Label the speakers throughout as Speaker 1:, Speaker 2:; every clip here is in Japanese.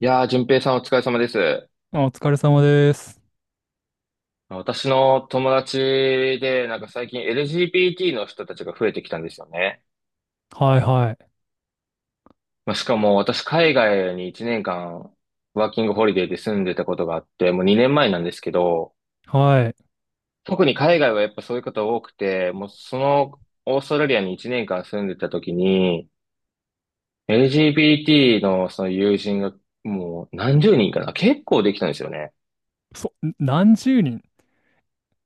Speaker 1: いやー、淳平さんお疲れ様です。
Speaker 2: あ、お疲れ様です。
Speaker 1: 私の友達で、なんか最近 LGBT の人たちが増えてきたんですよね。
Speaker 2: はいはい。
Speaker 1: まあ、しかも私海外に1年間ワーキングホリデーで住んでたことがあって、もう2年前なんですけど、
Speaker 2: はい。
Speaker 1: 特に海外はやっぱそういう方多くて、もうそのオーストラリアに1年間住んでた時に、LGBT のその友人がもう何十人かな、結構できたんですよね。
Speaker 2: そ、何十人。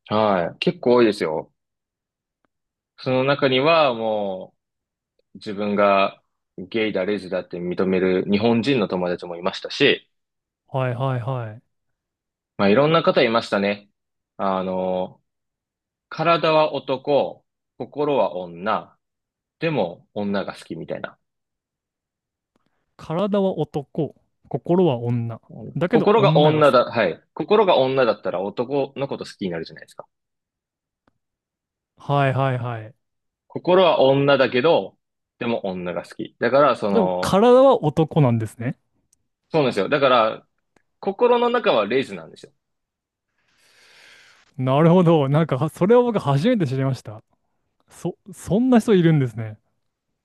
Speaker 1: はい。結構多いですよ。その中にはもう、自分がゲイだ、レズだって認める日本人の友達もいましたし、
Speaker 2: はいはいはい。
Speaker 1: まあ、いろんな方いましたね。あの、体は男、心は女、でも女が好きみたいな。
Speaker 2: 体は男、心は女。だけど
Speaker 1: 心が
Speaker 2: 女が
Speaker 1: 女
Speaker 2: 好
Speaker 1: だ、
Speaker 2: き。
Speaker 1: はい。心が女だったら男のこと好きになるじゃないですか。
Speaker 2: はいはいはい。
Speaker 1: 心は女だけど、でも女が好き。だから、そ
Speaker 2: でも
Speaker 1: の、
Speaker 2: 体は男なんですね。
Speaker 1: そうなんですよ。だから、心の中はレズなんですよ。
Speaker 2: なるほど。それを僕初めて知りました。そ、そんな人いるんですね。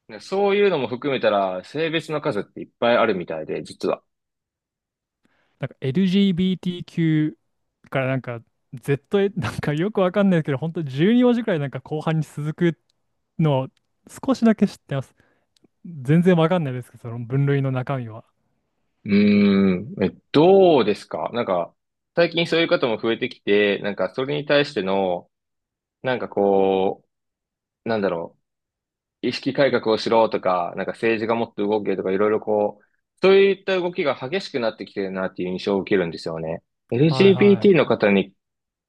Speaker 1: ねそういうのも含めたら、性別の数っていっぱいあるみたいで、実は。
Speaker 2: なんか LGBTQ からZ、よくわかんないですけど、本当12文字くらい後半に続くのを少しだけ知ってます。全然わかんないですけど、その分類の中身は。
Speaker 1: うーん、え、どうですかなんか、最近そういう方も増えてきて、なんか、それに対しての、なんかこう、なんだろう、意識改革をしろとか、なんか政治がもっと動けとか、いろいろこう、そういった動きが激しくなってきてるなっていう印象を受けるんですよね。
Speaker 2: はいは
Speaker 1: LGBT の
Speaker 2: い。
Speaker 1: 方に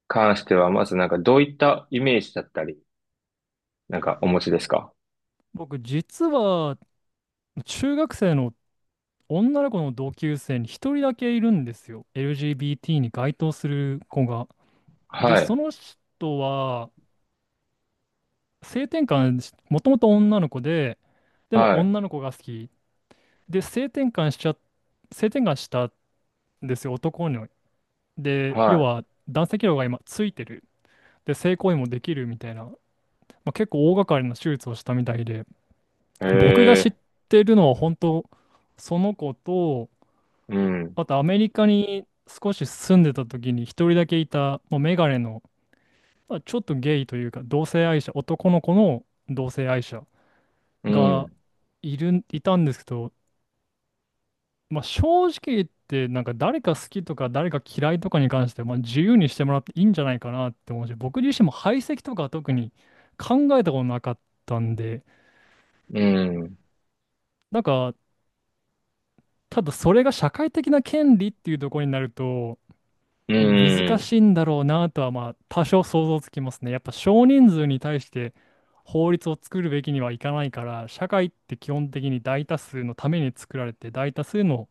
Speaker 1: 関しては、まずなんか、どういったイメージだったり、なんか、お持ちですか。
Speaker 2: 僕、実は、中学生の女の子の同級生に一人だけいるんですよ。LGBT に該当する子が。で、
Speaker 1: はい、
Speaker 2: その人は、性転換し、もともと女の子で、でも
Speaker 1: はい、
Speaker 2: 女の子が好き。で、性転換しちゃ、性転換したんですよ、男に。で、要
Speaker 1: は
Speaker 2: は男性器量が今ついてる。で、性行為もできるみたいな、まあ、結構大掛かりな手術をしたみたいで、
Speaker 1: い。へ
Speaker 2: 僕が知っ
Speaker 1: え、
Speaker 2: てるのは本当、その子と、
Speaker 1: うん、
Speaker 2: あとアメリカに少し住んでた時に一人だけいた、もうメガネの、まあ、ちょっとゲイというか、同性愛者、男の子の同性愛者
Speaker 1: う
Speaker 2: が
Speaker 1: ん、
Speaker 2: いる、いたんですけど、まあ、正直言って、誰か好きとか誰か嫌いとかに関して、まあ、自由にしてもらっていいんじゃないかなって思うし、僕自身も排斥とかは特に考えたことなかったんで、
Speaker 1: うん、
Speaker 2: なんか、ただそれが社会的な権利っていうところになると、
Speaker 1: う
Speaker 2: 難
Speaker 1: ん、
Speaker 2: しいんだろうなとはまあ多少想像つきますね。やっぱ少人数に対して法律を作るべきにはいかないから、社会って基本的に大多数のために作られて、大多数の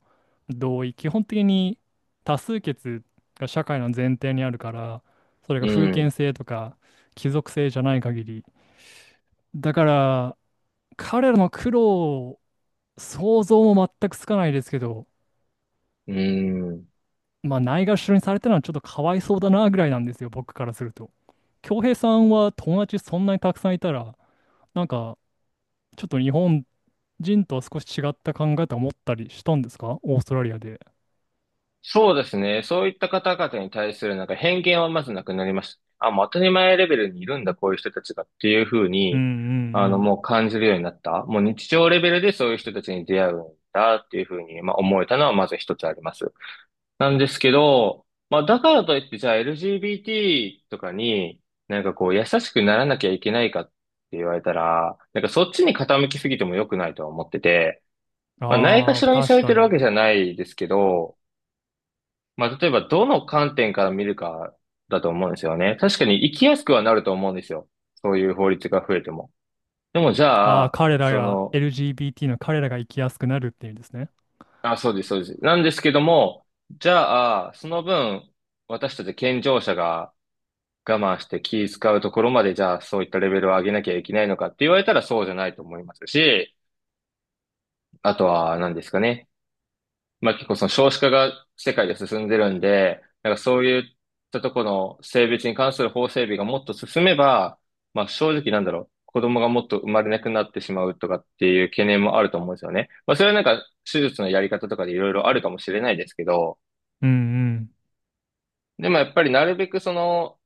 Speaker 2: 同意、基本的に多数決が社会の前提にあるから、それが
Speaker 1: う
Speaker 2: 封建
Speaker 1: ん。
Speaker 2: 制とか貴族制じゃない限り、だから彼らの苦労を想像も全くつかないですけど、
Speaker 1: うーん。
Speaker 2: まあ、ないがしろにされたのはちょっとかわいそうだなぐらいなんですよ、僕からすると。恭平さんは友達そんなにたくさんいたら、なんかちょっと日本人とは少し違った考え方を持ったりしたんですか、オーストラリアで。
Speaker 1: そうですね。そういった方々に対するなんか偏見はまずなくなりました。あ、もう当たり前レベルにいるんだ、こういう人たちがっていうふう
Speaker 2: うんう
Speaker 1: に、あの、
Speaker 2: ん。
Speaker 1: もう感じるようになった。もう日常レベルでそういう人たちに出会うんだっていうふうに、まあ、思えたのはまず一つあります。なんですけど、まあ、だからといって、じゃあ LGBT とかになんかこう優しくならなきゃいけないかって言われたら、なんかそっちに傾きすぎても良くないとは思ってて、
Speaker 2: うん。
Speaker 1: まあ、ないが
Speaker 2: ああ、
Speaker 1: しろにさ
Speaker 2: 確
Speaker 1: れ
Speaker 2: か
Speaker 1: てるわけ
Speaker 2: に。
Speaker 1: じゃないですけど、まあ、例えばどの観点から見るかだと思うんですよね。確かに生きやすくはなると思うんですよ。そういう法律が増えても。でもじ
Speaker 2: あ
Speaker 1: ゃ
Speaker 2: あ、
Speaker 1: あ、
Speaker 2: 彼ら
Speaker 1: そ
Speaker 2: が
Speaker 1: の、
Speaker 2: LGBT の、彼らが生きやすくなるっていうんですね。
Speaker 1: あ、そうです、そうです。なんですけども、じゃあ、その分、私たち健常者が我慢して気使うところまで、じゃあ、そういったレベルを上げなきゃいけないのかって言われたらそうじゃないと思いますし、あとは、何ですかね。まあ結構その少子化が世界で進んでるんで、なんかそういったところの性別に関する法整備がもっと進めば、まあ正直なんだろう、子供がもっと生まれなくなってしまうとかっていう懸念もあると思うんですよね。まあそれはなんか手術のやり方とかでいろいろあるかもしれないですけど、
Speaker 2: うんうん。
Speaker 1: でもやっぱりなるべくその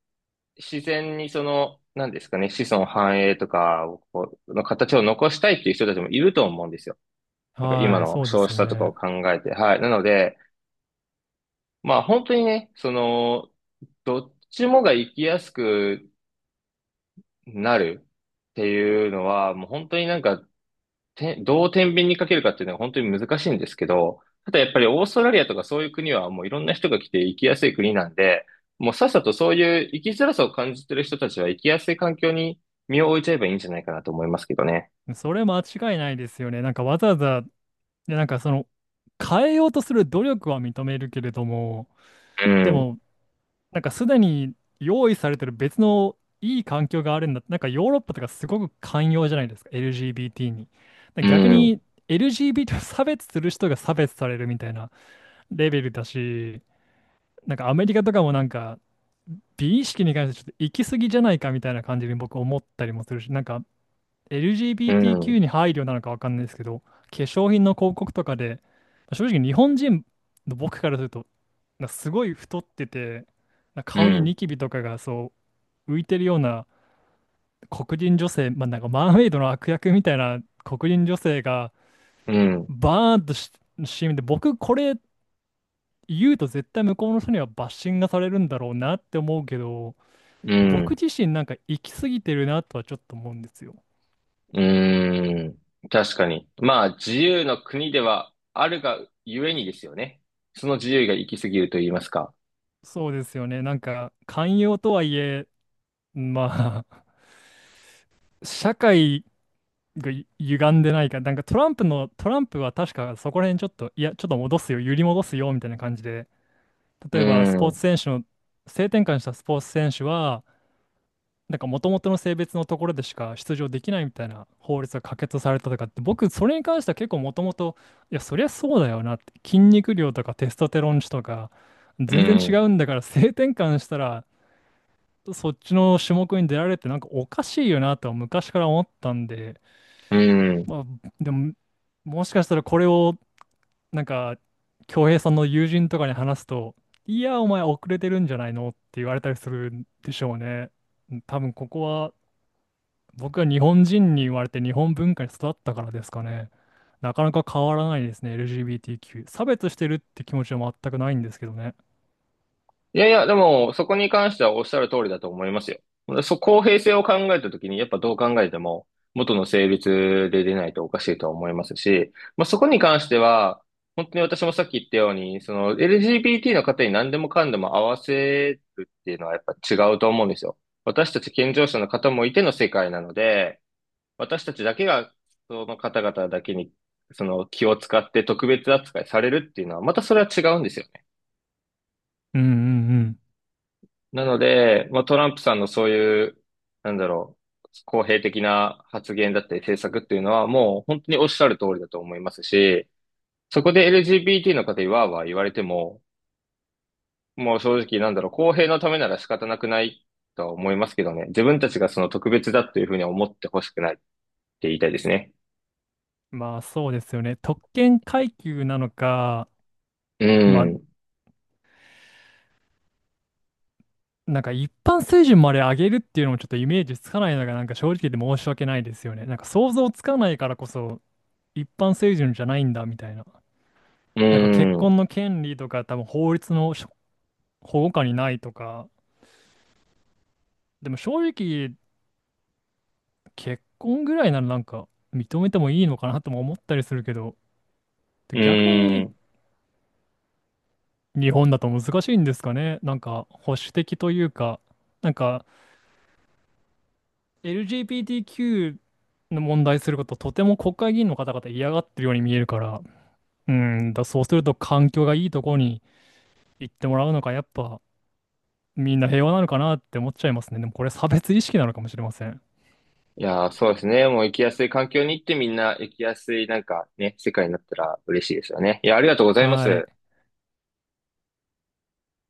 Speaker 1: 自然にその、なんですかね、子孫繁栄とかをこうの形を残したいっていう人たちもいると思うんですよ。なんか今
Speaker 2: はい、
Speaker 1: の
Speaker 2: そうで
Speaker 1: 少
Speaker 2: す
Speaker 1: 子
Speaker 2: よ
Speaker 1: 化とかを
Speaker 2: ね。
Speaker 1: 考えて。はい。なので、まあ本当にね、その、どっちもが生きやすくなるっていうのは、もう本当になんか、どう天秤にかけるかっていうのは本当に難しいんですけど、ただやっぱりオーストラリアとかそういう国はもういろんな人が来て生きやすい国なんで、もうさっさとそういう生きづらさを感じてる人たちは生きやすい環境に身を置いちゃえばいいんじゃないかなと思いますけどね。
Speaker 2: それ間違いないですよね。なんかわざわざ、で、変えようとする努力は認めるけれども、
Speaker 1: う
Speaker 2: で
Speaker 1: ん、
Speaker 2: も、すでに用意されてる別のいい環境があるんだ。なんかヨーロッパとかすごく寛容じゃないですか、LGBT に。だ
Speaker 1: う
Speaker 2: 逆
Speaker 1: ん、
Speaker 2: に LGBT を差別する人が差別されるみたいなレベルだし、アメリカとかも美意識に関してちょっと行き過ぎじゃないかみたいな感じに僕思ったりもするし、なんか
Speaker 1: う
Speaker 2: LGBTQ
Speaker 1: ん、
Speaker 2: に配慮なのかわかんないですけど、化粧品の広告とかで、正直日本人の僕からすると、なんかすごい太ってて、なんか
Speaker 1: う
Speaker 2: 顔に
Speaker 1: ん、
Speaker 2: ニキビとかがそう浮いてるような黒人女性、まあ、なんかマーメイドの悪役みたいな黒人女性が
Speaker 1: うん、
Speaker 2: バーンとし CM で、僕これ言うと絶対向こうの人にはバッシングがされるんだろうなって思うけど、
Speaker 1: う
Speaker 2: 僕
Speaker 1: ん。
Speaker 2: 自身なんか行き過ぎてるなとはちょっと思うんですよ。
Speaker 1: うーん。確かに。まあ、自由の国ではあるがゆえにですよね。その自由が行き過ぎると言いますか。
Speaker 2: そうですよね。なんか寛容とはいえ、まあ、社会がゆ歪んでないか、なんかトランプの、トランプは確かそこら辺ちょっと、いや、ちょっと戻すよ、揺り戻すよみたいな感じで、
Speaker 1: う
Speaker 2: 例えばス
Speaker 1: ー
Speaker 2: ポーツ
Speaker 1: ん。
Speaker 2: 選手の、性転換したスポーツ選手は、なんか元々の性別のところでしか出場できないみたいな法律が可決されたとかって、僕、それに関しては結構もともと、いや、そりゃそうだよなって、筋肉量とかテストステロン値とか、
Speaker 1: う
Speaker 2: 全然違
Speaker 1: ん。
Speaker 2: うんだから、性転換したら、そっちの種目に出られるってなんかおかしいよなとは昔から思ったんで、
Speaker 1: うん。
Speaker 2: まあ、でも、もしかしたらこれを、なんか、恭平さんの友人とかに話すと、いや、お前遅れてるんじゃないのって言われたりするんでしょうね。うん、多分ここは、僕は日本人に言われて日本文化に育ったからですかね。なかなか変わらないですね、LGBTQ。差別してるって気持ちは全くないんですけどね。
Speaker 1: いやいや、でも、そこに関してはおっしゃる通りだと思いますよ。公平性を考えたときに、やっぱどう考えても、元の性別で出ないとおかしいとは思いますし、まあ、そこに関しては、本当に私もさっき言ったように、その LGBT の方に何でもかんでも合わせるっていうのはやっぱ違うと思うんですよ。私たち健常者の方もいての世界なので、私たちだけが、その方々だけに、その気を使って特別扱いされるっていうのは、またそれは違うんですよ。
Speaker 2: うんうん。
Speaker 1: なので、まあ、トランプさんのそういう、なんだろう、公平的な発言だったり政策っていうのはもう本当におっしゃる通りだと思いますし、そこで LGBT の方にわーわー言われても、もう正直なんだろう、公平のためなら仕方なくないとは思いますけどね。自分たちがその特別だというふうには思ってほしくないって言いたいですね。
Speaker 2: うん。まあ、そうですよね。特権階級なのか、
Speaker 1: う
Speaker 2: まあ、
Speaker 1: ん、
Speaker 2: 一般水準まで上げるっていうのもちょっとイメージつかないのがなんか正直で申し訳ないですよね。なんか想像つかないからこそ一般水準じゃないんだみたいな。
Speaker 1: う
Speaker 2: なんか結
Speaker 1: ん、
Speaker 2: 婚の権利とか多分法律のしょ保護下にないとか。でも正直結婚ぐらいなら認めてもいいのかなとも思ったりするけど、
Speaker 1: う
Speaker 2: 逆に
Speaker 1: ん。
Speaker 2: 日本だと難しいんですかね。なんか保守的というか、なんか LGBTQ の問題することとても国会議員の方々嫌がってるように見えるから、うん、だそうすると環境がいいところに行ってもらうのか、やっぱみんな平和なのかなって思っちゃいますね。でもこれ差別意識なのかもしれません。
Speaker 1: いやー、そうですね。もう生きやすい環境に行ってみんな生きやすいなんかね、世界になったら嬉しいですよね。いや、ありがとうございま
Speaker 2: はい。
Speaker 1: す。